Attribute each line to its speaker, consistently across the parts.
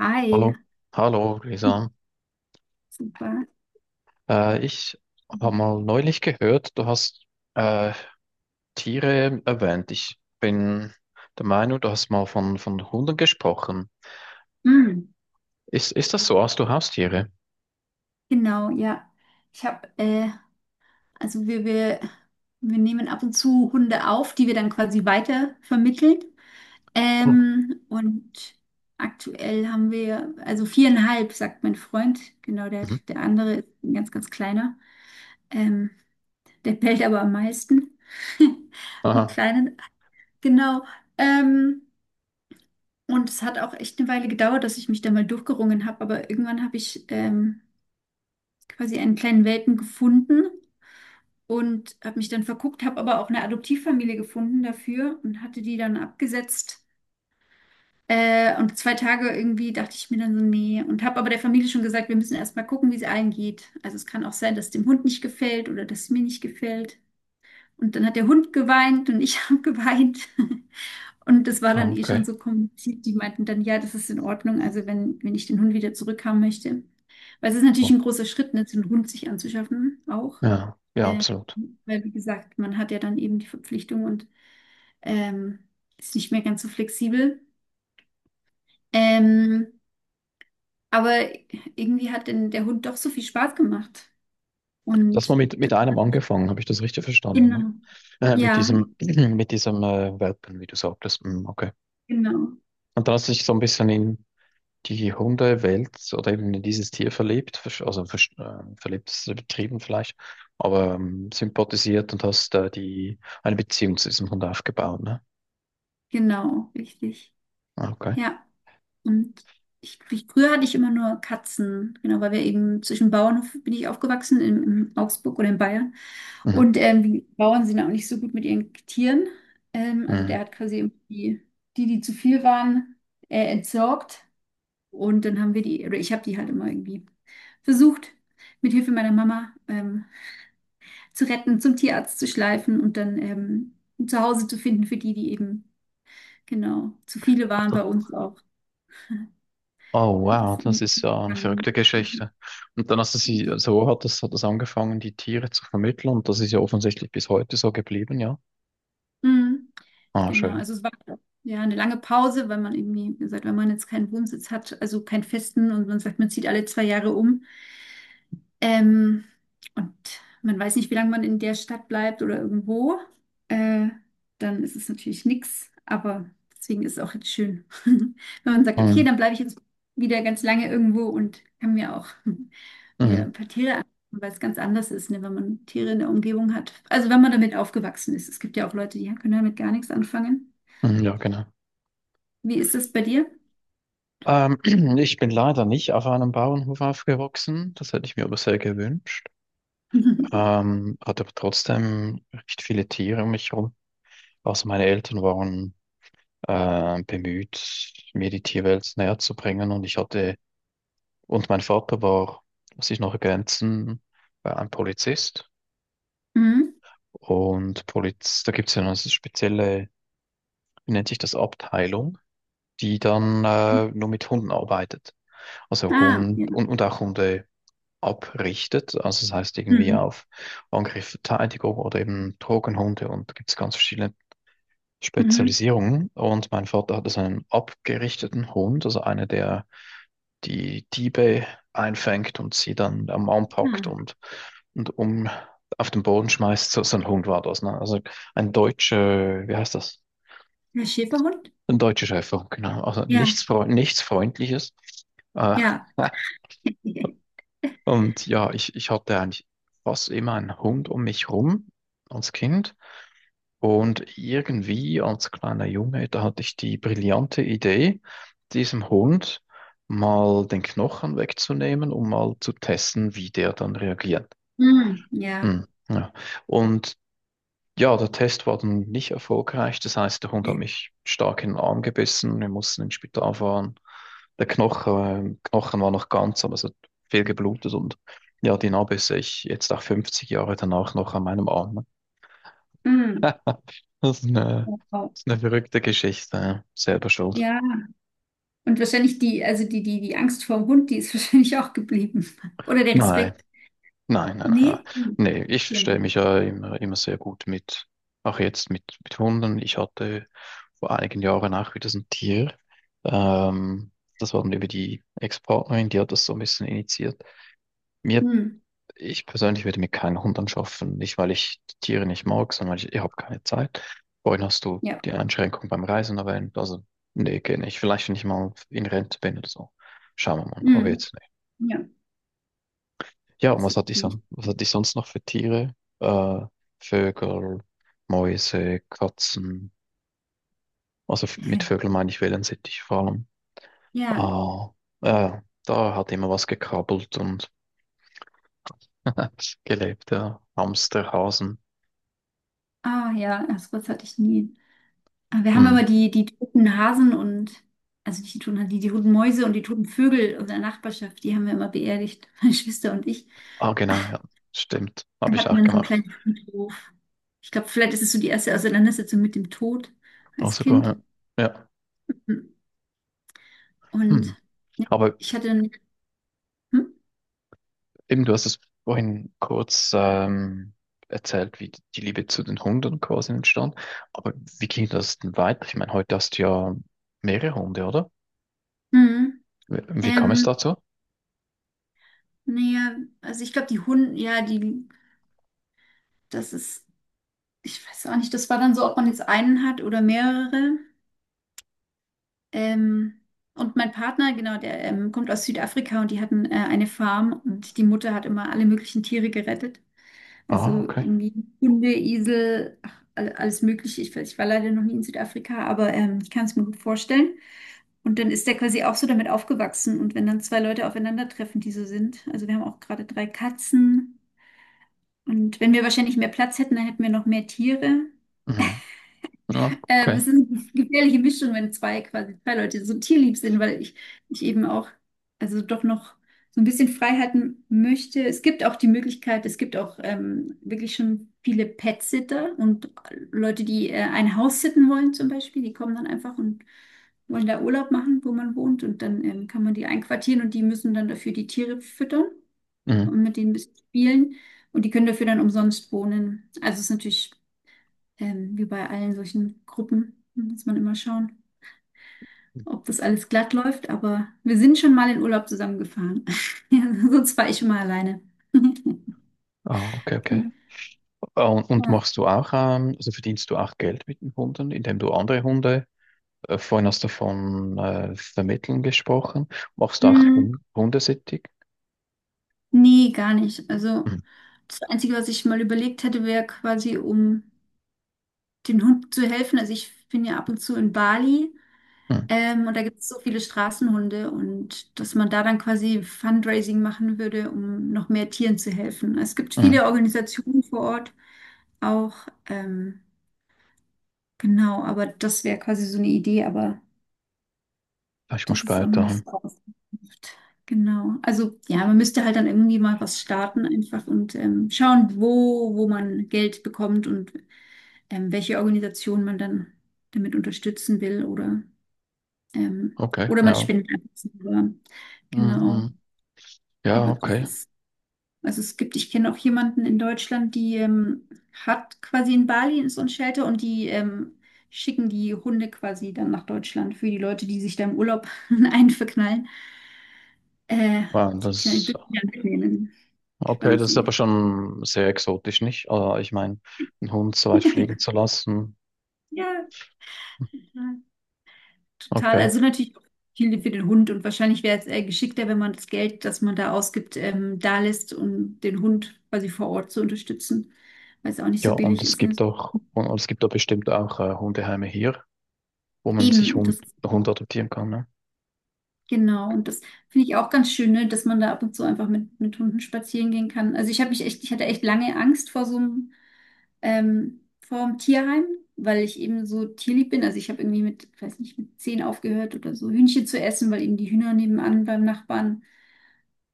Speaker 1: Hi.
Speaker 2: Hallo, hallo Lisa.
Speaker 1: Super.
Speaker 2: Ich habe mal neulich gehört, du hast äh, Tiere erwähnt. Ich bin der Meinung, du hast mal von Hunden gesprochen.
Speaker 1: Mm,
Speaker 2: Ist das so? Hast du Haustiere?
Speaker 1: genau, ja. Ich habe, also wir nehmen ab und zu Hunde auf, die wir dann quasi weiter vermitteln.
Speaker 2: Oh.
Speaker 1: Und aktuell haben wir, also viereinhalb, sagt mein Freund. Genau, der,
Speaker 2: Mhm.
Speaker 1: der andere ist ein ganz, ganz kleiner. Ähm, Der bellt aber am meisten. Die
Speaker 2: Aha,
Speaker 1: Kleinen, genau. Ähm, und es hat auch echt eine Weile gedauert, dass ich mich da mal durchgerungen habe, aber irgendwann habe ich quasi einen kleinen Welpen gefunden und habe mich dann verguckt, habe aber auch eine Adoptivfamilie gefunden dafür und hatte die dann abgesetzt. Und 2 Tage irgendwie dachte ich mir dann so, nee, und habe aber der Familie schon gesagt, wir müssen erstmal gucken, wie es allen geht. Also es kann auch sein, dass es dem Hund nicht gefällt oder dass es mir nicht gefällt. Und dann hat der Hund geweint und ich habe geweint. Und das war
Speaker 2: ah,
Speaker 1: dann eh schon
Speaker 2: okay.
Speaker 1: so kompliziert. Die meinten dann, ja, das ist in Ordnung, also wenn, wenn ich den Hund wieder zurückhaben möchte. Weil es ist natürlich
Speaker 2: Oh.
Speaker 1: ein großer Schritt, ne, so einen Hund sich anzuschaffen auch.
Speaker 2: Ja, ja,
Speaker 1: Ähm,
Speaker 2: absolut.
Speaker 1: Weil, wie gesagt, man hat ja dann eben die Verpflichtung und ähm, ist nicht mehr ganz so flexibel. Ähm, aber irgendwie hat denn der Hund doch so viel Spaß gemacht.
Speaker 2: Das mal
Speaker 1: Und
Speaker 2: mit,
Speaker 1: d-
Speaker 2: mit einem angefangen, habe ich das richtig verstanden? Ne?
Speaker 1: genau.
Speaker 2: Mit
Speaker 1: Ja,
Speaker 2: diesem, mit diesem Welpen, wie du sagtest. Mm, okay.
Speaker 1: genau,
Speaker 2: Und dann hast du dich so ein bisschen in die Hundewelt oder eben in dieses Tier verliebt, verliebt ist übertrieben vielleicht, aber sympathisiert und hast da eine Beziehung zu diesem Hund aufgebaut, ne?
Speaker 1: genau, richtig.
Speaker 2: Ah, okay.
Speaker 1: Ja. Und früher hatte ich immer nur Katzen, genau, weil wir eben zwischen Bauernhof bin ich aufgewachsen, in, Augsburg oder in Bayern.
Speaker 2: Mhm.
Speaker 1: Und die Bauern sind auch nicht so gut mit ihren Tieren. Also der
Speaker 2: Mhm.
Speaker 1: hat quasi irgendwie die, die zu viel waren, entsorgt. Und dann haben wir die, oder ich habe die halt immer irgendwie versucht, mit Hilfe meiner Mama zu retten, zum Tierarzt zu schleifen und dann zu Hause zu finden für die, die eben, genau, zu viele waren bei
Speaker 2: Warte.
Speaker 1: uns auch.
Speaker 2: Oh
Speaker 1: Hat
Speaker 2: wow,
Speaker 1: das
Speaker 2: das
Speaker 1: in
Speaker 2: ist ja eine verrückte
Speaker 1: angefangen.
Speaker 2: Geschichte. Und dann hast du sie,
Speaker 1: Jetzt-
Speaker 2: so hat das angefangen, die Tiere zu vermitteln, und das ist ja offensichtlich bis heute so geblieben, ja.
Speaker 1: Mhm.
Speaker 2: Ah,
Speaker 1: Genau,
Speaker 2: schön.
Speaker 1: also es war ja eine lange Pause, weil man irgendwie, wie gesagt, wenn man jetzt keinen Wohnsitz hat, also keinen festen und man sagt, man zieht alle 2 Jahre um. Ähm, und man weiß nicht, wie lange man in der Stadt bleibt oder irgendwo. Äh, Dann ist es natürlich nichts, aber deswegen ist es auch jetzt schön, wenn man sagt, okay,
Speaker 2: Mhm.
Speaker 1: dann bleibe ich jetzt wieder ganz lange irgendwo und kann mir auch wieder ein
Speaker 2: Mhm.
Speaker 1: paar Tiere anschauen, weil es ganz anders ist, ne, wenn man Tiere in der Umgebung hat. Also wenn man damit aufgewachsen ist. Es gibt ja auch Leute, die können damit gar nichts anfangen.
Speaker 2: Mhm. Ja, genau.
Speaker 1: Wie ist das bei dir?
Speaker 2: Ähm, ich bin leider nicht auf einem Bauernhof aufgewachsen, das hätte ich mir aber sehr gewünscht. Hatte aber trotzdem recht viele Tiere um mich herum. Also meine Eltern waren bemüht, mir die Tierwelt näher zu bringen und ich hatte, und mein Vater war, muss ich noch ergänzen, ein Polizist.
Speaker 1: Mhm.
Speaker 2: Und Poliz, da gibt es ja eine spezielle, wie nennt sich das, Abteilung, die dann nur mit Hunden arbeitet. Also
Speaker 1: Ah,
Speaker 2: Hund
Speaker 1: ja.
Speaker 2: und auch Hunde abrichtet. Also das heißt irgendwie
Speaker 1: Mhm.
Speaker 2: auf Angriff, Verteidigung oder eben Drogenhunde, und da gibt es ganz verschiedene
Speaker 1: Mhm.
Speaker 2: Spezialisierungen, und mein Vater hatte seinen abgerichteten Hund, also einer, der die Diebe einfängt und sie dann am Arm packt
Speaker 1: Ah,
Speaker 2: und um auf den Boden schmeißt. So, so ein Hund war das, ne? Also ein deutscher, wie heißt das?
Speaker 1: der Schäferhund?
Speaker 2: Ein deutscher Schäfer, genau. Also
Speaker 1: Ja,
Speaker 2: nichts, nichts Freundliches. Äh,
Speaker 1: ja.
Speaker 2: und ja, ich hatte eigentlich fast immer einen Hund um mich rum als Kind. Und irgendwie als kleiner Junge, da hatte ich die brillante Idee, diesem Hund mal den Knochen wegzunehmen, um mal zu testen, wie der dann reagiert.
Speaker 1: Mm, ja.
Speaker 2: Hm, ja. Und ja, der Test war dann nicht erfolgreich. Das heißt, der Hund hat mich stark in den Arm gebissen. Wir mussten ins Spital fahren. Der Knochen war noch ganz, aber es hat viel geblutet, und ja, die Narbe sehe ich jetzt auch 50 Jahre danach noch an meinem Arm.
Speaker 1: Mm.
Speaker 2: Das ist eine,
Speaker 1: Wow.
Speaker 2: das ist eine verrückte Geschichte. Ja. Selber schuld.
Speaker 1: Ja. Und wahrscheinlich die, also die Angst vor dem Hund, die ist wahrscheinlich auch geblieben. Oder der
Speaker 2: Nein,
Speaker 1: Respekt.
Speaker 2: nein, nein, nein, nein.
Speaker 1: Nee? Hm.
Speaker 2: Nee, ich
Speaker 1: Okay.
Speaker 2: verstehe mich ja immer sehr gut mit, auch jetzt mit Hunden. Ich hatte vor einigen Jahren auch wieder so ein Tier. Ähm, das war dann über die Ex-Partnerin, die hat das so ein bisschen initiiert. Mir,
Speaker 1: Mm.
Speaker 2: ich persönlich würde mir keinen Hund anschaffen. Nicht, weil ich die Tiere nicht mag, sondern ich habe keine Zeit Vorhin hast du
Speaker 1: Ja.
Speaker 2: die Einschränkung beim Reisen erwähnt. Also nee, geht nicht. Vielleicht, wenn ich mal in Rente bin oder so. Schauen wir mal. Aber
Speaker 1: Mm.
Speaker 2: jetzt nicht.
Speaker 1: Ja,
Speaker 2: Ja, und
Speaker 1: das
Speaker 2: was hatte ich,
Speaker 1: verstehe ich.
Speaker 2: was hatte ich sonst noch für Tiere? Äh, Vögel, Mäuse, Katzen. Also mit Vögeln meine ich Wellensittich vor allem.
Speaker 1: Ja.
Speaker 2: Ah, äh, da hat immer was gekrabbelt und gelebt, ja. Hamster, Hasen.
Speaker 1: Ah, ja, das Wort hatte ich nie. Aber wir haben immer
Speaker 2: Hm.
Speaker 1: die toten Hasen und, also nicht die toten Hasen, die toten Mäuse und die toten Vögel unserer Nachbarschaft, die haben wir immer beerdigt, meine Schwester und ich.
Speaker 2: Ah, genau, ja. Stimmt. Habe
Speaker 1: Wir
Speaker 2: ich
Speaker 1: hatten
Speaker 2: auch
Speaker 1: dann so einen
Speaker 2: gemacht.
Speaker 1: kleinen Friedhof. Ich glaube, vielleicht ist es so die erste Auseinandersetzung mit dem Tod
Speaker 2: Auch
Speaker 1: als
Speaker 2: sogar,
Speaker 1: Kind.
Speaker 2: ja. Ja.
Speaker 1: Hm. Und
Speaker 2: Hm.
Speaker 1: ja,
Speaker 2: Aber
Speaker 1: ich hatte dann, hm?
Speaker 2: eben, du hast es vorhin kurz erzählt, wie die Liebe zu den Hunden quasi entstand. Aber wie ging das denn weiter? Ich meine, heute hast du ja mehrere Hunde, oder?
Speaker 1: Mhm.
Speaker 2: Wie kam es
Speaker 1: Ähm,
Speaker 2: dazu?
Speaker 1: naja, also ich glaube, die Hunde, ja, die, das ist, ich weiß auch nicht, das war dann so, ob man jetzt einen hat oder mehrere. Ähm, und mein Partner, genau, der kommt aus Südafrika und die hatten eine Farm und die Mutter hat immer alle möglichen Tiere gerettet.
Speaker 2: Ah,
Speaker 1: Also
Speaker 2: okay.
Speaker 1: irgendwie Hunde, Esel, ach, alles Mögliche. Ich war leider noch nie in Südafrika, aber ich kann es mir gut vorstellen. Und dann ist der quasi auch so damit aufgewachsen. Und wenn dann zwei Leute aufeinandertreffen, die so sind, also wir haben auch gerade drei Katzen. Und wenn wir wahrscheinlich mehr Platz hätten, dann hätten wir noch mehr Tiere.
Speaker 2: Mhm. Ah, okay.
Speaker 1: Es ist eine gefährliche Mischung, wenn zwei quasi zwei Leute so tierlieb sind, weil ich eben auch, also doch noch so ein bisschen Freiheiten möchte. Es gibt auch die Möglichkeit, es gibt auch wirklich schon viele Pet-Sitter und Leute, die ein Haus sitten wollen zum Beispiel, die kommen dann einfach und wollen da Urlaub machen, wo man wohnt und dann kann man die einquartieren und die müssen dann dafür die Tiere füttern
Speaker 2: Mhm.
Speaker 1: und mit denen ein bisschen spielen und die können dafür dann umsonst wohnen. Also es ist natürlich, wie bei allen solchen Gruppen, muss man immer schauen, ob das alles glatt läuft. Aber wir sind schon mal in Urlaub zusammengefahren. Ja, sonst war ich immer alleine.
Speaker 2: Ah, okay, okay.
Speaker 1: Genau.
Speaker 2: Ah, und
Speaker 1: Ja.
Speaker 2: machst du auch, also verdienst du auch Geld mit den Hunden, indem du andere Hunde? Vorhin hast du von Vermitteln gesprochen. Machst du auch
Speaker 1: Hm,
Speaker 2: Hundesittig?
Speaker 1: nee, gar nicht. Also
Speaker 2: Hm,
Speaker 1: das Einzige, was ich mal überlegt hätte, wäre quasi, um den Hunden zu helfen. Also ich bin ja ab und zu in Bali.
Speaker 2: hm,
Speaker 1: Und da gibt es so viele Straßenhunde und dass man da dann quasi Fundraising machen würde, um noch mehr Tieren zu helfen. Es gibt
Speaker 2: hm.
Speaker 1: viele Organisationen vor Ort auch. Ähm, genau, aber das wäre quasi so eine Idee, aber
Speaker 2: Ja, ich muss
Speaker 1: das ist auch noch
Speaker 2: später.
Speaker 1: nicht
Speaker 2: Hm.
Speaker 1: so ausgereift. Genau. Also ja, man müsste halt dann irgendwie mal was starten einfach und schauen, wo, wo man Geld bekommt und welche Organisation man dann damit unterstützen will oder.
Speaker 2: Okay,
Speaker 1: Oder man
Speaker 2: ja.
Speaker 1: spinnt einfach selber.
Speaker 2: Hm,
Speaker 1: Genau.
Speaker 2: hm. Ja,
Speaker 1: Aber das
Speaker 2: okay.
Speaker 1: ist, also es gibt, ich kenne auch jemanden in Deutschland, die hat quasi in Bali so ein Shelter und die schicken die Hunde quasi dann nach Deutschland für die Leute, die sich da im Urlaub einverknallen. Äh,
Speaker 2: Wow,
Speaker 1: Die dürfen die dann mitnehmen,
Speaker 2: okay, das ist aber
Speaker 1: quasi.
Speaker 2: schon sehr exotisch, nicht? Ich meine, einen Hund so weit fliegen zu lassen.
Speaker 1: Ja. Total,
Speaker 2: Okay.
Speaker 1: also natürlich auch viel für den Hund und wahrscheinlich wäre es geschickter, wenn man das Geld, das man da ausgibt, da lässt, um den Hund quasi vor Ort zu unterstützen, weil es auch nicht
Speaker 2: Ja,
Speaker 1: so
Speaker 2: und
Speaker 1: billig
Speaker 2: es
Speaker 1: ist. Ne?
Speaker 2: gibt auch, und es gibt da bestimmt auch Hundeheime hier, wo man sich
Speaker 1: Eben, das
Speaker 2: Hund adoptieren kann, ne?
Speaker 1: genau, und das finde ich auch ganz schön, ne? Dass man da ab und zu einfach mit Hunden spazieren gehen kann. Also ich habe mich echt, ich hatte echt lange Angst vor so einem, vor dem Tierheim, weil ich eben so tierlieb bin. Also ich habe irgendwie mit, ich weiß nicht, mit 10 aufgehört oder so Hühnchen zu essen, weil eben die Hühner nebenan beim Nachbarn.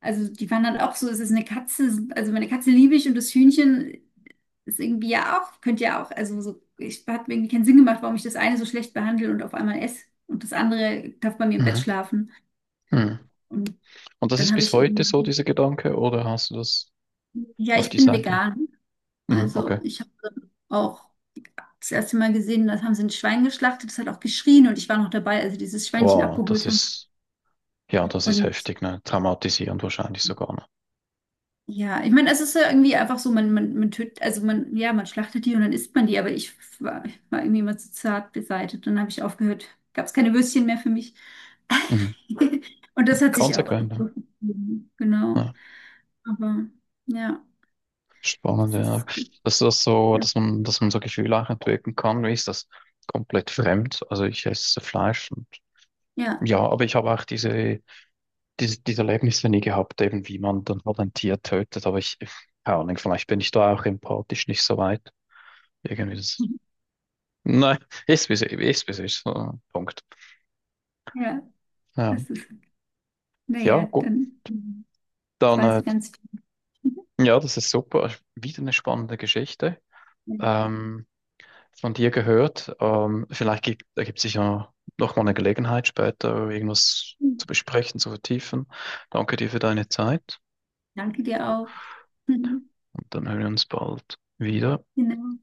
Speaker 1: Also die waren dann auch so, es ist eine Katze, also meine Katze liebe ich und das Hühnchen ist irgendwie ja auch, könnte ja auch, also so, ich hat mir irgendwie keinen Sinn gemacht, warum ich das eine so schlecht behandle und auf einmal esse und das andere darf bei mir im Bett
Speaker 2: Mhm.
Speaker 1: schlafen.
Speaker 2: Mhm.
Speaker 1: Und
Speaker 2: Und das
Speaker 1: dann
Speaker 2: ist
Speaker 1: habe
Speaker 2: bis
Speaker 1: ich
Speaker 2: heute so,
Speaker 1: eben,
Speaker 2: dieser Gedanke, oder hast du das
Speaker 1: ja,
Speaker 2: auf
Speaker 1: ich
Speaker 2: die
Speaker 1: bin
Speaker 2: Seite?
Speaker 1: vegan.
Speaker 2: Mhm.
Speaker 1: Also
Speaker 2: Okay.
Speaker 1: ich habe auch das erste Mal gesehen, das haben sie ein Schwein geschlachtet, das hat auch geschrien und ich war noch dabei, als sie dieses Schweinchen
Speaker 2: Wow, das
Speaker 1: abgeholt haben.
Speaker 2: ist, ja, das ist
Speaker 1: Und
Speaker 2: heftig, ne? Traumatisierend wahrscheinlich sogar, ne?
Speaker 1: ja, ich meine, es ist ja irgendwie einfach so, man tötet, also man, ja, man schlachtet die und dann isst man die, aber ich war irgendwie immer zu zart beseitigt. Dann habe ich aufgehört, gab es keine Würstchen mehr für mich.
Speaker 2: Mhm.
Speaker 1: Und das hat sich auch
Speaker 2: Konsequent, ne?
Speaker 1: so gegeben, genau.
Speaker 2: Ja,
Speaker 1: Aber ja,
Speaker 2: spannend,
Speaker 1: das
Speaker 2: ja.
Speaker 1: ist,
Speaker 2: Dass das so,
Speaker 1: ja,
Speaker 2: dass man so Gefühle auch entwickeln kann, wie ist das? Komplett fremd. Also ich esse Fleisch, und
Speaker 1: ja,
Speaker 2: ja, aber ich habe auch diese Erlebnisse nie gehabt, eben wie man dann halt ein Tier tötet, aber ich, keine Ahnung, vielleicht bin ich da auch empathisch nicht so weit. Irgendwie das, nein, ist wie es ist, wie es ist. Punkt.
Speaker 1: ja,
Speaker 2: Ja,
Speaker 1: das ist,
Speaker 2: ja,
Speaker 1: naja,
Speaker 2: gut.
Speaker 1: dann, jetzt
Speaker 2: Dann
Speaker 1: weißt du ganz viel.
Speaker 2: ja, das ist super. Wieder eine spannende Geschichte.
Speaker 1: Ja.
Speaker 2: Ähm, von dir gehört. Vielleicht ergibt sich ja noch mal eine Gelegenheit später, irgendwas zu besprechen, zu vertiefen. Danke dir für deine Zeit,
Speaker 1: Danke dir auch.
Speaker 2: und dann hören wir uns bald wieder.
Speaker 1: Genau.